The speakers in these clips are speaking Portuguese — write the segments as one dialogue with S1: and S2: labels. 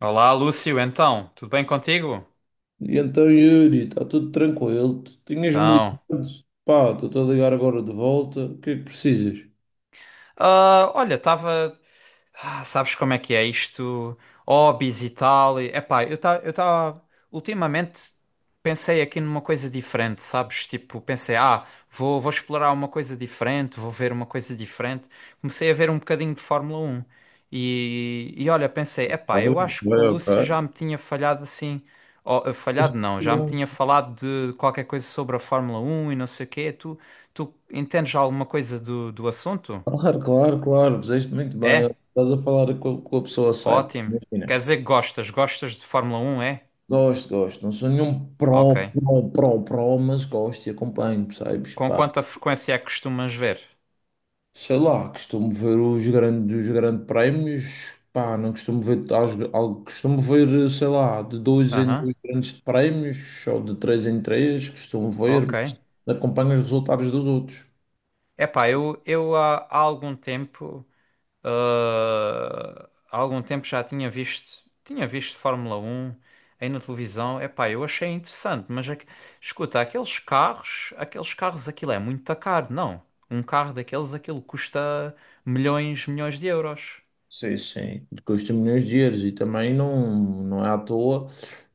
S1: Olá, Lúcio, então, tudo bem contigo?
S2: E então, Yuri, está tudo tranquilo. Tu tinhas-me ligado.
S1: Então,
S2: Pá, estou a ligar agora de volta. O que é que precisas?
S1: Olha, estava. Sabes como é que é isto? Hobbies e tal. E, epá, eu estava. Ultimamente pensei aqui numa coisa diferente, sabes? Tipo, pensei, vou explorar uma coisa diferente, vou ver uma coisa diferente. Comecei a ver um bocadinho de Fórmula Um. E olha, pensei,
S2: Ok,
S1: epá, eu acho que o
S2: ok,
S1: Lúcio
S2: ok.
S1: já me tinha falhado assim. Ó,
S2: Fizeste
S1: falhado não, já me
S2: muito
S1: tinha
S2: bem.
S1: falado de qualquer coisa sobre a Fórmula Um e não sei o quê. Tu entendes alguma coisa do assunto?
S2: Claro, claro, claro. Fizeste muito bem.
S1: É?
S2: Estás a falar com a pessoa certa.
S1: Ótimo. Quer
S2: Imagina.
S1: dizer que gostas? Gostas de Fórmula Um, é?
S2: Gosto, gosto. Não sou nenhum pró,
S1: Ok.
S2: pró, pró, pró, mas gosto e acompanho, percebes?
S1: Com
S2: Pá,
S1: quanta frequência é que costumas ver?
S2: sei lá, costumo ver os grandes prémios, pá, não costumo ver, costumo ver, sei lá, de dois em
S1: Aham,
S2: dois grandes prémios, ou de três em três, costumo ver,
S1: ok.
S2: mas acompanho os resultados dos outros.
S1: Epá, eu há algum tempo, há algum tempo já tinha visto Fórmula Um aí na televisão. Epá, eu achei interessante, mas escuta, aqueles carros, aquilo é muito caro, não? Um carro daqueles, aquilo custa milhões de euros.
S2: Sim, sim, custa milhões de euros e também não, não é à toa.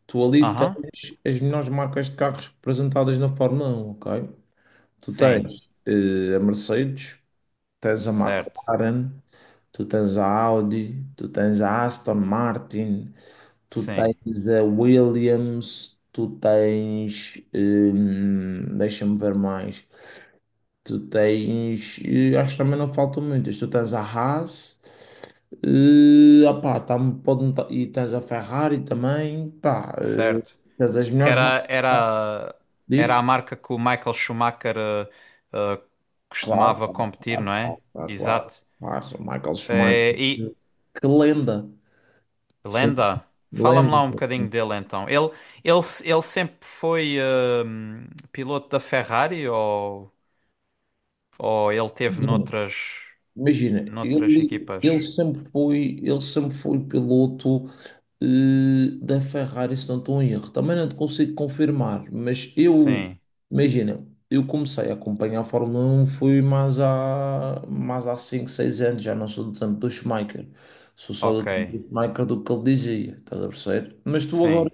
S2: Tu ali tens
S1: Aham,
S2: as melhores marcas de carros representadas na Fórmula 1, ok? Tu
S1: sim,
S2: tens a Mercedes, tens a
S1: certo,
S2: McLaren, tu tens a Audi, tu tens a Aston Martin, tu
S1: sim.
S2: tens a Williams, tu tens. Deixa-me ver mais. Tu tens. Acho que também não faltam muitas. Tu tens a Haas, opá, pode, não e tens a Ferrari também. Pá,
S1: Certo.
S2: tens as
S1: Que
S2: melhores marcas.
S1: era,
S2: Pá,
S1: era, era a
S2: diz?
S1: marca que o Michael Schumacher eh,
S2: Claro,
S1: costumava
S2: claro,
S1: competir, não
S2: claro,
S1: é?
S2: claro,
S1: Exato.
S2: claro. Claro. Michael Schumacher.
S1: E
S2: Que lenda. Sim,
S1: lenda, fala-me
S2: lenda.
S1: lá um bocadinho dele então. Ele, se- ele sempre foi piloto da Ferrari ou ele teve noutras,
S2: Imagina,
S1: noutras
S2: ele,
S1: equipas?
S2: ele sempre foi, ele sempre foi piloto da Ferrari, se não estou em erro. Também não te consigo confirmar, mas eu,
S1: Sim,
S2: imagina, eu comecei a acompanhar a Fórmula 1, fui mais há 5 6 anos, já não sou do tempo do Schumacher. Sou só do
S1: ok,
S2: tempo do Schumacher do que ele dizia, estás a perceber? Mas tu agora
S1: sim.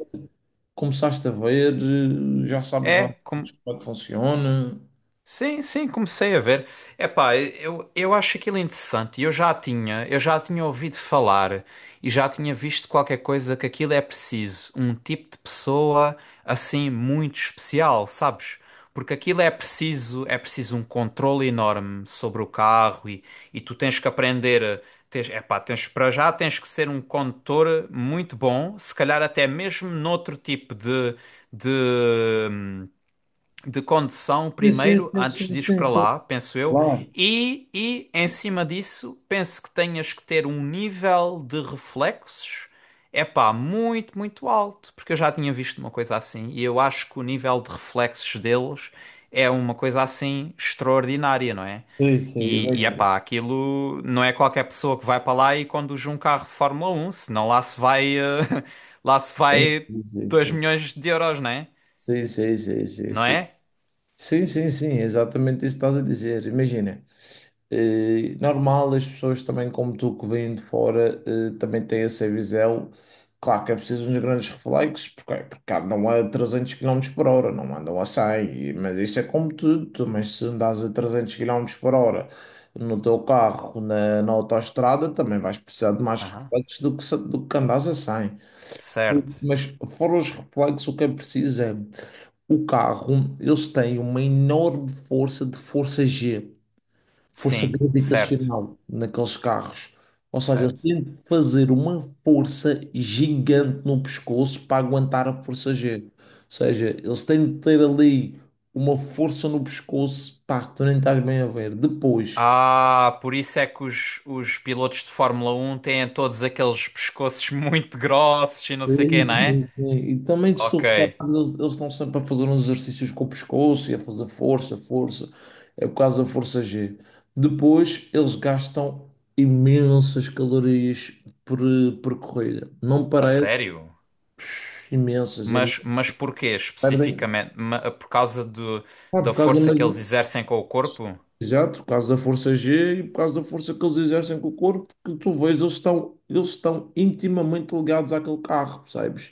S2: começaste a ver, já sabes mais
S1: É, como
S2: como é que funciona.
S1: sim, sim, comecei a ver. Epá, eu acho aquilo interessante. Eu já tinha ouvido falar e já tinha visto qualquer coisa que aquilo é preciso, um tipo de pessoa assim muito especial, sabes? Porque aquilo é preciso um controle enorme sobre o carro e tu tens que tens, epá, tens para já tens que ser um condutor muito bom, se calhar até mesmo noutro tipo de de condução
S2: Sim, sim,
S1: primeiro,
S2: sim,
S1: antes
S2: sim,
S1: de ires
S2: sim,
S1: para
S2: sim.
S1: lá, penso eu,
S2: Claro,
S1: e em cima disso, penso que tenhas que ter um nível de reflexos, é pá, muito alto, porque eu já tinha visto uma coisa assim, e eu acho que o nível de reflexos deles é uma coisa assim extraordinária, não é?
S2: sim, sim,
S1: E, é
S2: imagina.
S1: pá, aquilo não é qualquer pessoa que vai para lá e conduz um carro de Fórmula 1, senão lá se vai, lá se vai
S2: Entendi.
S1: 2 milhões de euros, não é?
S2: Sim, sim, sim, sim, sim,
S1: Não
S2: sim,
S1: é?
S2: sim, sim, sim, sim, exatamente isso que estás a dizer. Imagina, normal, as pessoas também, como tu que vêm de fora, também têm essa visão. Claro que é preciso uns grandes reflexos, porque, porque andam a 300 quilômetros por hora, não andam a 100 mas isso é como tudo. Mas se andas a 300 quilômetros por hora no teu carro, na autoestrada, também vais precisar de mais
S1: Aham.
S2: reflexos do que, do que andas a 100.
S1: Certo.
S2: Mas fora os reflexos, o que é preciso é o carro, eles têm uma enorme força de força G, força
S1: Sim, certo.
S2: gravitacional naqueles carros. Ou seja, eles
S1: Certo.
S2: têm de fazer uma força gigante no pescoço para aguentar a força G. Ou seja, eles têm de ter ali uma força no pescoço, pá, que tu nem estás bem a ver. Depois.
S1: Ah, por isso é que os pilotos de Fórmula Um têm todos aqueles pescoços muito grossos e não sei
S2: Sim,
S1: quê, não é?
S2: sim. E também, se tu
S1: Ok.
S2: reparas, eles estão sempre a fazer uns exercícios com o pescoço e a fazer força, força. É por causa da força G. Depois, eles gastam imensas calorias por, por corrida. Não
S1: A
S2: parece,
S1: sério?
S2: psh, imensas.
S1: Mas porquê
S2: Perdem.
S1: especificamente? Por causa
S2: Ah, por
S1: da
S2: causa,
S1: força que eles exercem com o corpo?
S2: exato, por causa da força G e por causa da força que eles exercem com o corpo, que tu vês, eles estão intimamente ligados àquele carro, percebes?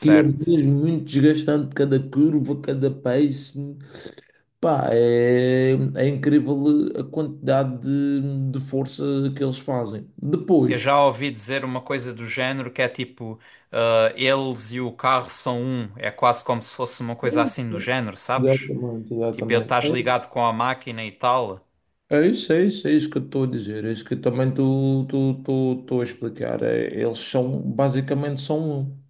S2: Aquilo é mesmo muito desgastante, cada curva, cada pace. Pá, é incrível a quantidade de força que eles fazem.
S1: Eu
S2: Depois.
S1: já ouvi dizer uma coisa do género que é tipo, eles e o carro são um. É quase como se fosse uma coisa assim do género, sabes?
S2: Exatamente,
S1: Tipo, eu
S2: exatamente.
S1: estás ligado com a máquina e tal?
S2: É isso, é isso, é isso que eu estou a dizer, é isso que eu também estou a explicar. É, eles são, basicamente, são um.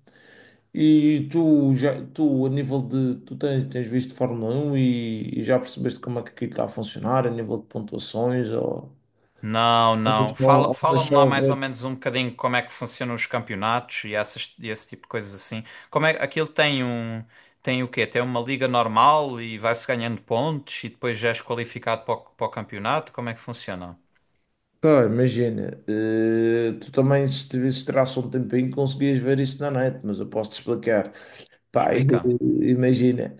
S2: E tu, já, tu, a nível de. Tu tens visto Fórmula Um e já percebeste como é que aquilo está a funcionar, a nível de pontuações? Ou...
S1: Não, não.
S2: Então,
S1: Fala-me
S2: deixa
S1: lá
S2: eu
S1: mais ou
S2: ver.
S1: menos um bocadinho como é que funcionam os campeonatos e, essas, e esse tipo de coisas assim. Como é, aquilo tem um, tem o quê? Tem uma liga normal e vai-se ganhando pontos e depois já és qualificado para para o campeonato? Como é que funciona?
S2: Cara, imagina, tu também, se tivesses traço um tempinho, conseguias ver isso na net, mas eu posso te explicar. Pá,
S1: Explica.
S2: imagina,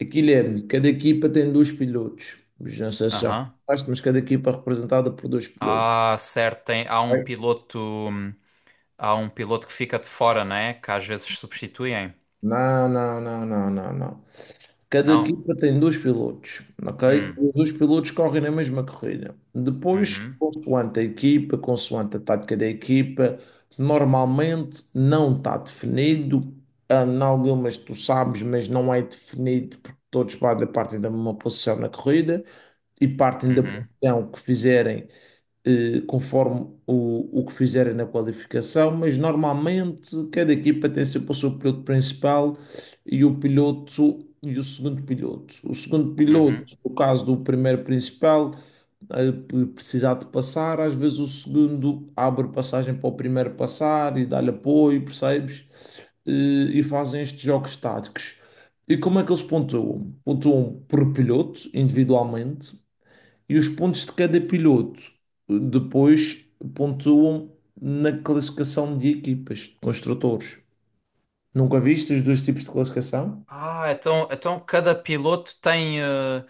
S2: aquilo é, cada equipa tem dois pilotos. Não sei se já
S1: Aham.
S2: reparaste, mas cada equipa é representada por dois pilotos.
S1: Ah, certo.
S2: Ok?
S1: Há um piloto que fica de fora, né? Que às vezes substituem.
S2: Não, não, não, não, não, não. Cada
S1: Não?
S2: equipa tem dois pilotos, ok?
S1: Hum.
S2: Os dois pilotos correm na mesma corrida. Depois,
S1: Uhum.
S2: consoante a equipa, consoante a tática da equipa, normalmente não está definido. Ah, em algumas tu sabes, mas não é definido porque todos partem da mesma posição na corrida e partem da
S1: Uhum.
S2: posição que fizerem conforme o que fizerem na qualificação, mas normalmente cada equipa tem sempre o seu piloto principal e o piloto e o segundo piloto. O segundo
S1: Uhum.
S2: piloto, no caso do primeiro principal, precisar de passar, às vezes o segundo abre passagem para o primeiro passar e dá-lhe apoio, percebes? E fazem estes jogos táticos. E como é que eles pontuam? Pontuam por piloto, individualmente, e os pontos de cada piloto depois pontuam na classificação de equipas, de construtores. Nunca viste os dois tipos de classificação?
S1: Ah, então cada piloto tem,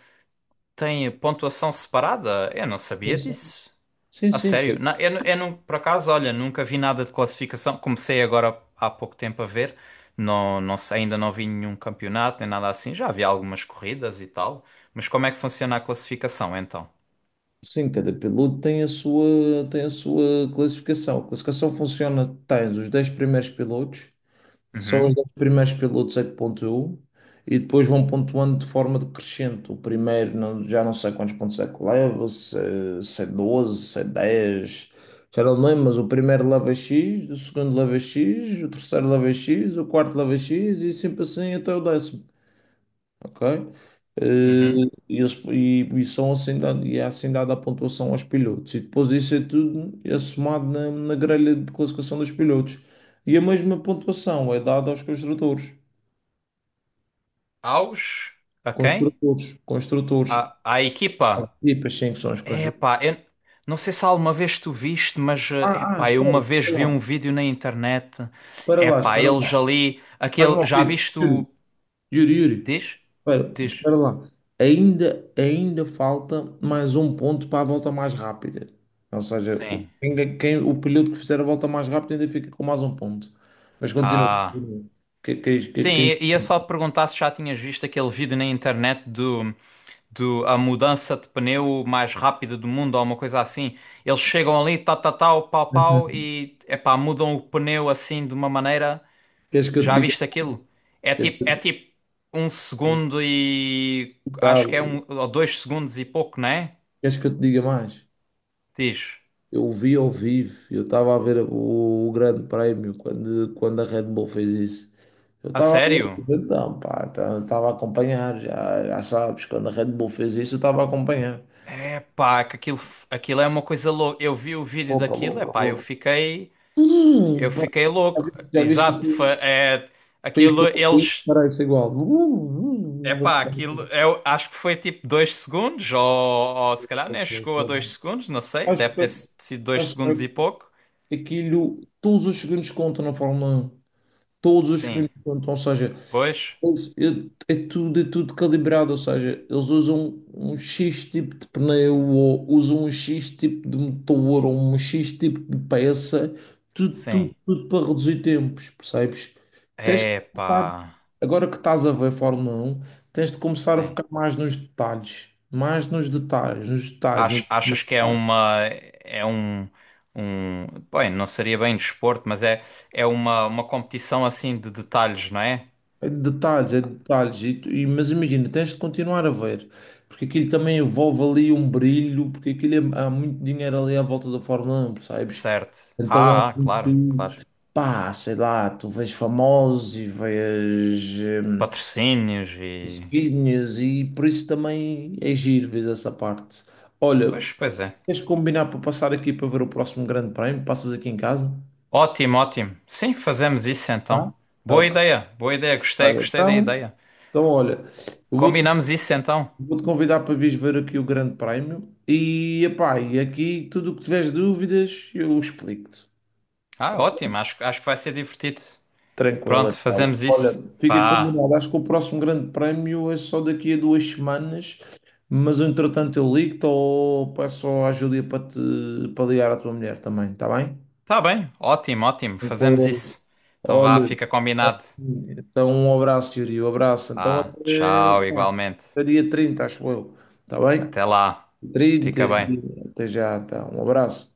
S1: tem pontuação separada? Eu não
S2: Sim,
S1: sabia
S2: sim.
S1: disso.
S2: Sim,
S1: A
S2: sim,
S1: sério? Não, eu não, por acaso, olha, nunca vi nada de classificação. Comecei agora há pouco tempo a ver. Não, não sei, ainda não vi nenhum campeonato nem nada assim. Já vi algumas corridas e tal. Mas como é que funciona a classificação então?
S2: sim, cada piloto tem a sua classificação. A classificação funciona, tens os 10 primeiros pilotos. São os
S1: Uhum,
S2: 10 primeiros pilotos é que pontuam e depois vão pontuando de forma decrescente. O primeiro já não sei quantos pontos é que leva, se é 12, se é 10, já não me lembro, mas o primeiro leva X, o segundo leva X, o terceiro leva X, o quarto leva X e sempre assim até o 10º, ok? Eh,
S1: uhum.
S2: e, eles, e são assim dado, e é assim dada a pontuação aos pilotos. E depois isso é tudo é somado na grelha de classificação dos pilotos. E a mesma pontuação é dada aos construtores.
S1: Aos? A quem?
S2: Construtores, construtores.
S1: À
S2: As
S1: equipa?
S2: equipas sim que são os
S1: É
S2: construtores.
S1: pá, eu não sei se alguma vez tu viste, mas é
S2: Ah, ah,
S1: pá, eu
S2: espera,
S1: uma vez
S2: espera
S1: vi um
S2: lá.
S1: vídeo na internet.
S2: Espera
S1: É
S2: lá,
S1: pá,
S2: espera lá.
S1: eles ali,
S2: Faz-me
S1: aquele, já
S2: ouvir.
S1: viste
S2: Yuri,
S1: o.
S2: Yuri, Yuri.
S1: Diz?
S2: Espera,
S1: Diz.
S2: espera lá. Ainda falta mais um ponto para a volta mais rápida. Ou seja,
S1: Sim.
S2: o piloto que fizer a volta mais rápida ainda fica com mais um ponto. Mas continua.
S1: Ah.
S2: Que- Queres que,
S1: Sim,
S2: que-
S1: ia só perguntar se já tinhas visto aquele vídeo na internet do a mudança de pneu mais rápida do mundo ou uma coisa assim. Eles chegam ali, tal, tal, tal, pau, pau e é pá, mudam o pneu assim de uma maneira.
S2: Queres que eu te
S1: Já
S2: diga?
S1: viste aquilo?
S2: Queres que,
S1: É tipo um
S2: eu-
S1: segundo e
S2: tá,
S1: acho que é um ou dois segundos e pouco, não é?
S2: Queres que eu te diga mais?
S1: Diz.
S2: Eu vi ao vivo, eu estava a ver o Grande Prémio quando a Red Bull fez isso. Eu
S1: A
S2: estava a
S1: sério?
S2: ver, então, pá, estava a acompanhar, já sabes, quando a Red Bull fez isso, eu estava a acompanhar.
S1: É pá, que aquilo, aquilo é uma coisa louca. Eu vi o vídeo
S2: Opa,
S1: daquilo, é
S2: louca,
S1: pá,
S2: louca.
S1: eu
S2: Pá,
S1: fiquei
S2: Já
S1: louco.
S2: viste, já viste que o
S1: Exato, foi, é,
S2: país que
S1: aquilo
S2: eu fui
S1: eles,
S2: para isso é igual.
S1: é pá, aquilo eu acho que foi tipo dois segundos ou se calhar nem
S2: Uh,
S1: chegou a
S2: uh.
S1: dois segundos, não sei,
S2: Acho
S1: deve
S2: que
S1: ter sido dois
S2: acho
S1: segundos e pouco.
S2: que aquilo, todos os segundos contam na Fórmula 1. Todos os
S1: Sim,
S2: segundos contam. Ou seja,
S1: pois,
S2: É tudo calibrado, ou seja, eles usam um X tipo de pneu, ou usam um X tipo de motor, ou um X tipo de peça, tudo,
S1: sim.
S2: tudo, tudo para reduzir tempos, percebes? Tens de
S1: É
S2: começar,
S1: pá.
S2: agora que estás a ver Fórmula 1, tens de começar a
S1: Sim.
S2: ficar mais nos detalhes, nos detalhes, nos
S1: Achas que é
S2: detalhes.
S1: uma é um um bem, não seria bem desporto, mas é é uma competição assim de detalhes, não é?
S2: É de detalhes, é de detalhes, mas imagina, tens de continuar a ver, porque aquilo também envolve ali um brilho, porque aquilo há muito dinheiro ali à volta da Fórmula 1, percebes?
S1: Certo.
S2: Então há
S1: Ah, ah, claro,
S2: muito,
S1: claro.
S2: pá, sei lá, tu vês famosos e vês hum,
S1: Patrocínios e
S2: seguidinhas e por isso também é giro, vês essa parte. Olha,
S1: pois, pois é.
S2: queres combinar para passar aqui para ver o próximo grande prémio? Passas aqui em casa?
S1: Ótimo, ótimo. Sim, fazemos isso então.
S2: Tá?
S1: Boa
S2: Ok.
S1: ideia, boa ideia.
S2: Ah,
S1: Gostei, gostei da
S2: então,
S1: ideia.
S2: olha, eu vou-te
S1: Combinamos isso então.
S2: Vou-te convidar para vires ver aqui o Grande Prémio epá, e aqui tudo o que tiveres dúvidas eu explico-te.
S1: Ah, ótimo. Acho que vai ser divertido.
S2: Tranquila,
S1: Pronto,
S2: então.
S1: fazemos
S2: Olha,
S1: isso.
S2: fica
S1: Vá.
S2: combinado. Acho que o próximo Grande Prémio é só daqui a 2 semanas, mas entretanto eu ligo-te ou peço à Júlia para te para ligar à tua mulher também, está bem?
S1: Tá bem. Ótimo, ótimo. Fazemos
S2: Tranquilo.
S1: isso. Então vá,
S2: Olha,
S1: fica
S2: tá
S1: combinado.
S2: sim. Então um abraço, Yuri, um abraço. Então
S1: Ah, tchau,
S2: até, pá,
S1: igualmente.
S2: até dia 30, acho eu. Está bem?
S1: Até lá. Fica
S2: 30
S1: bem.
S2: dias. Até já, então. Um abraço.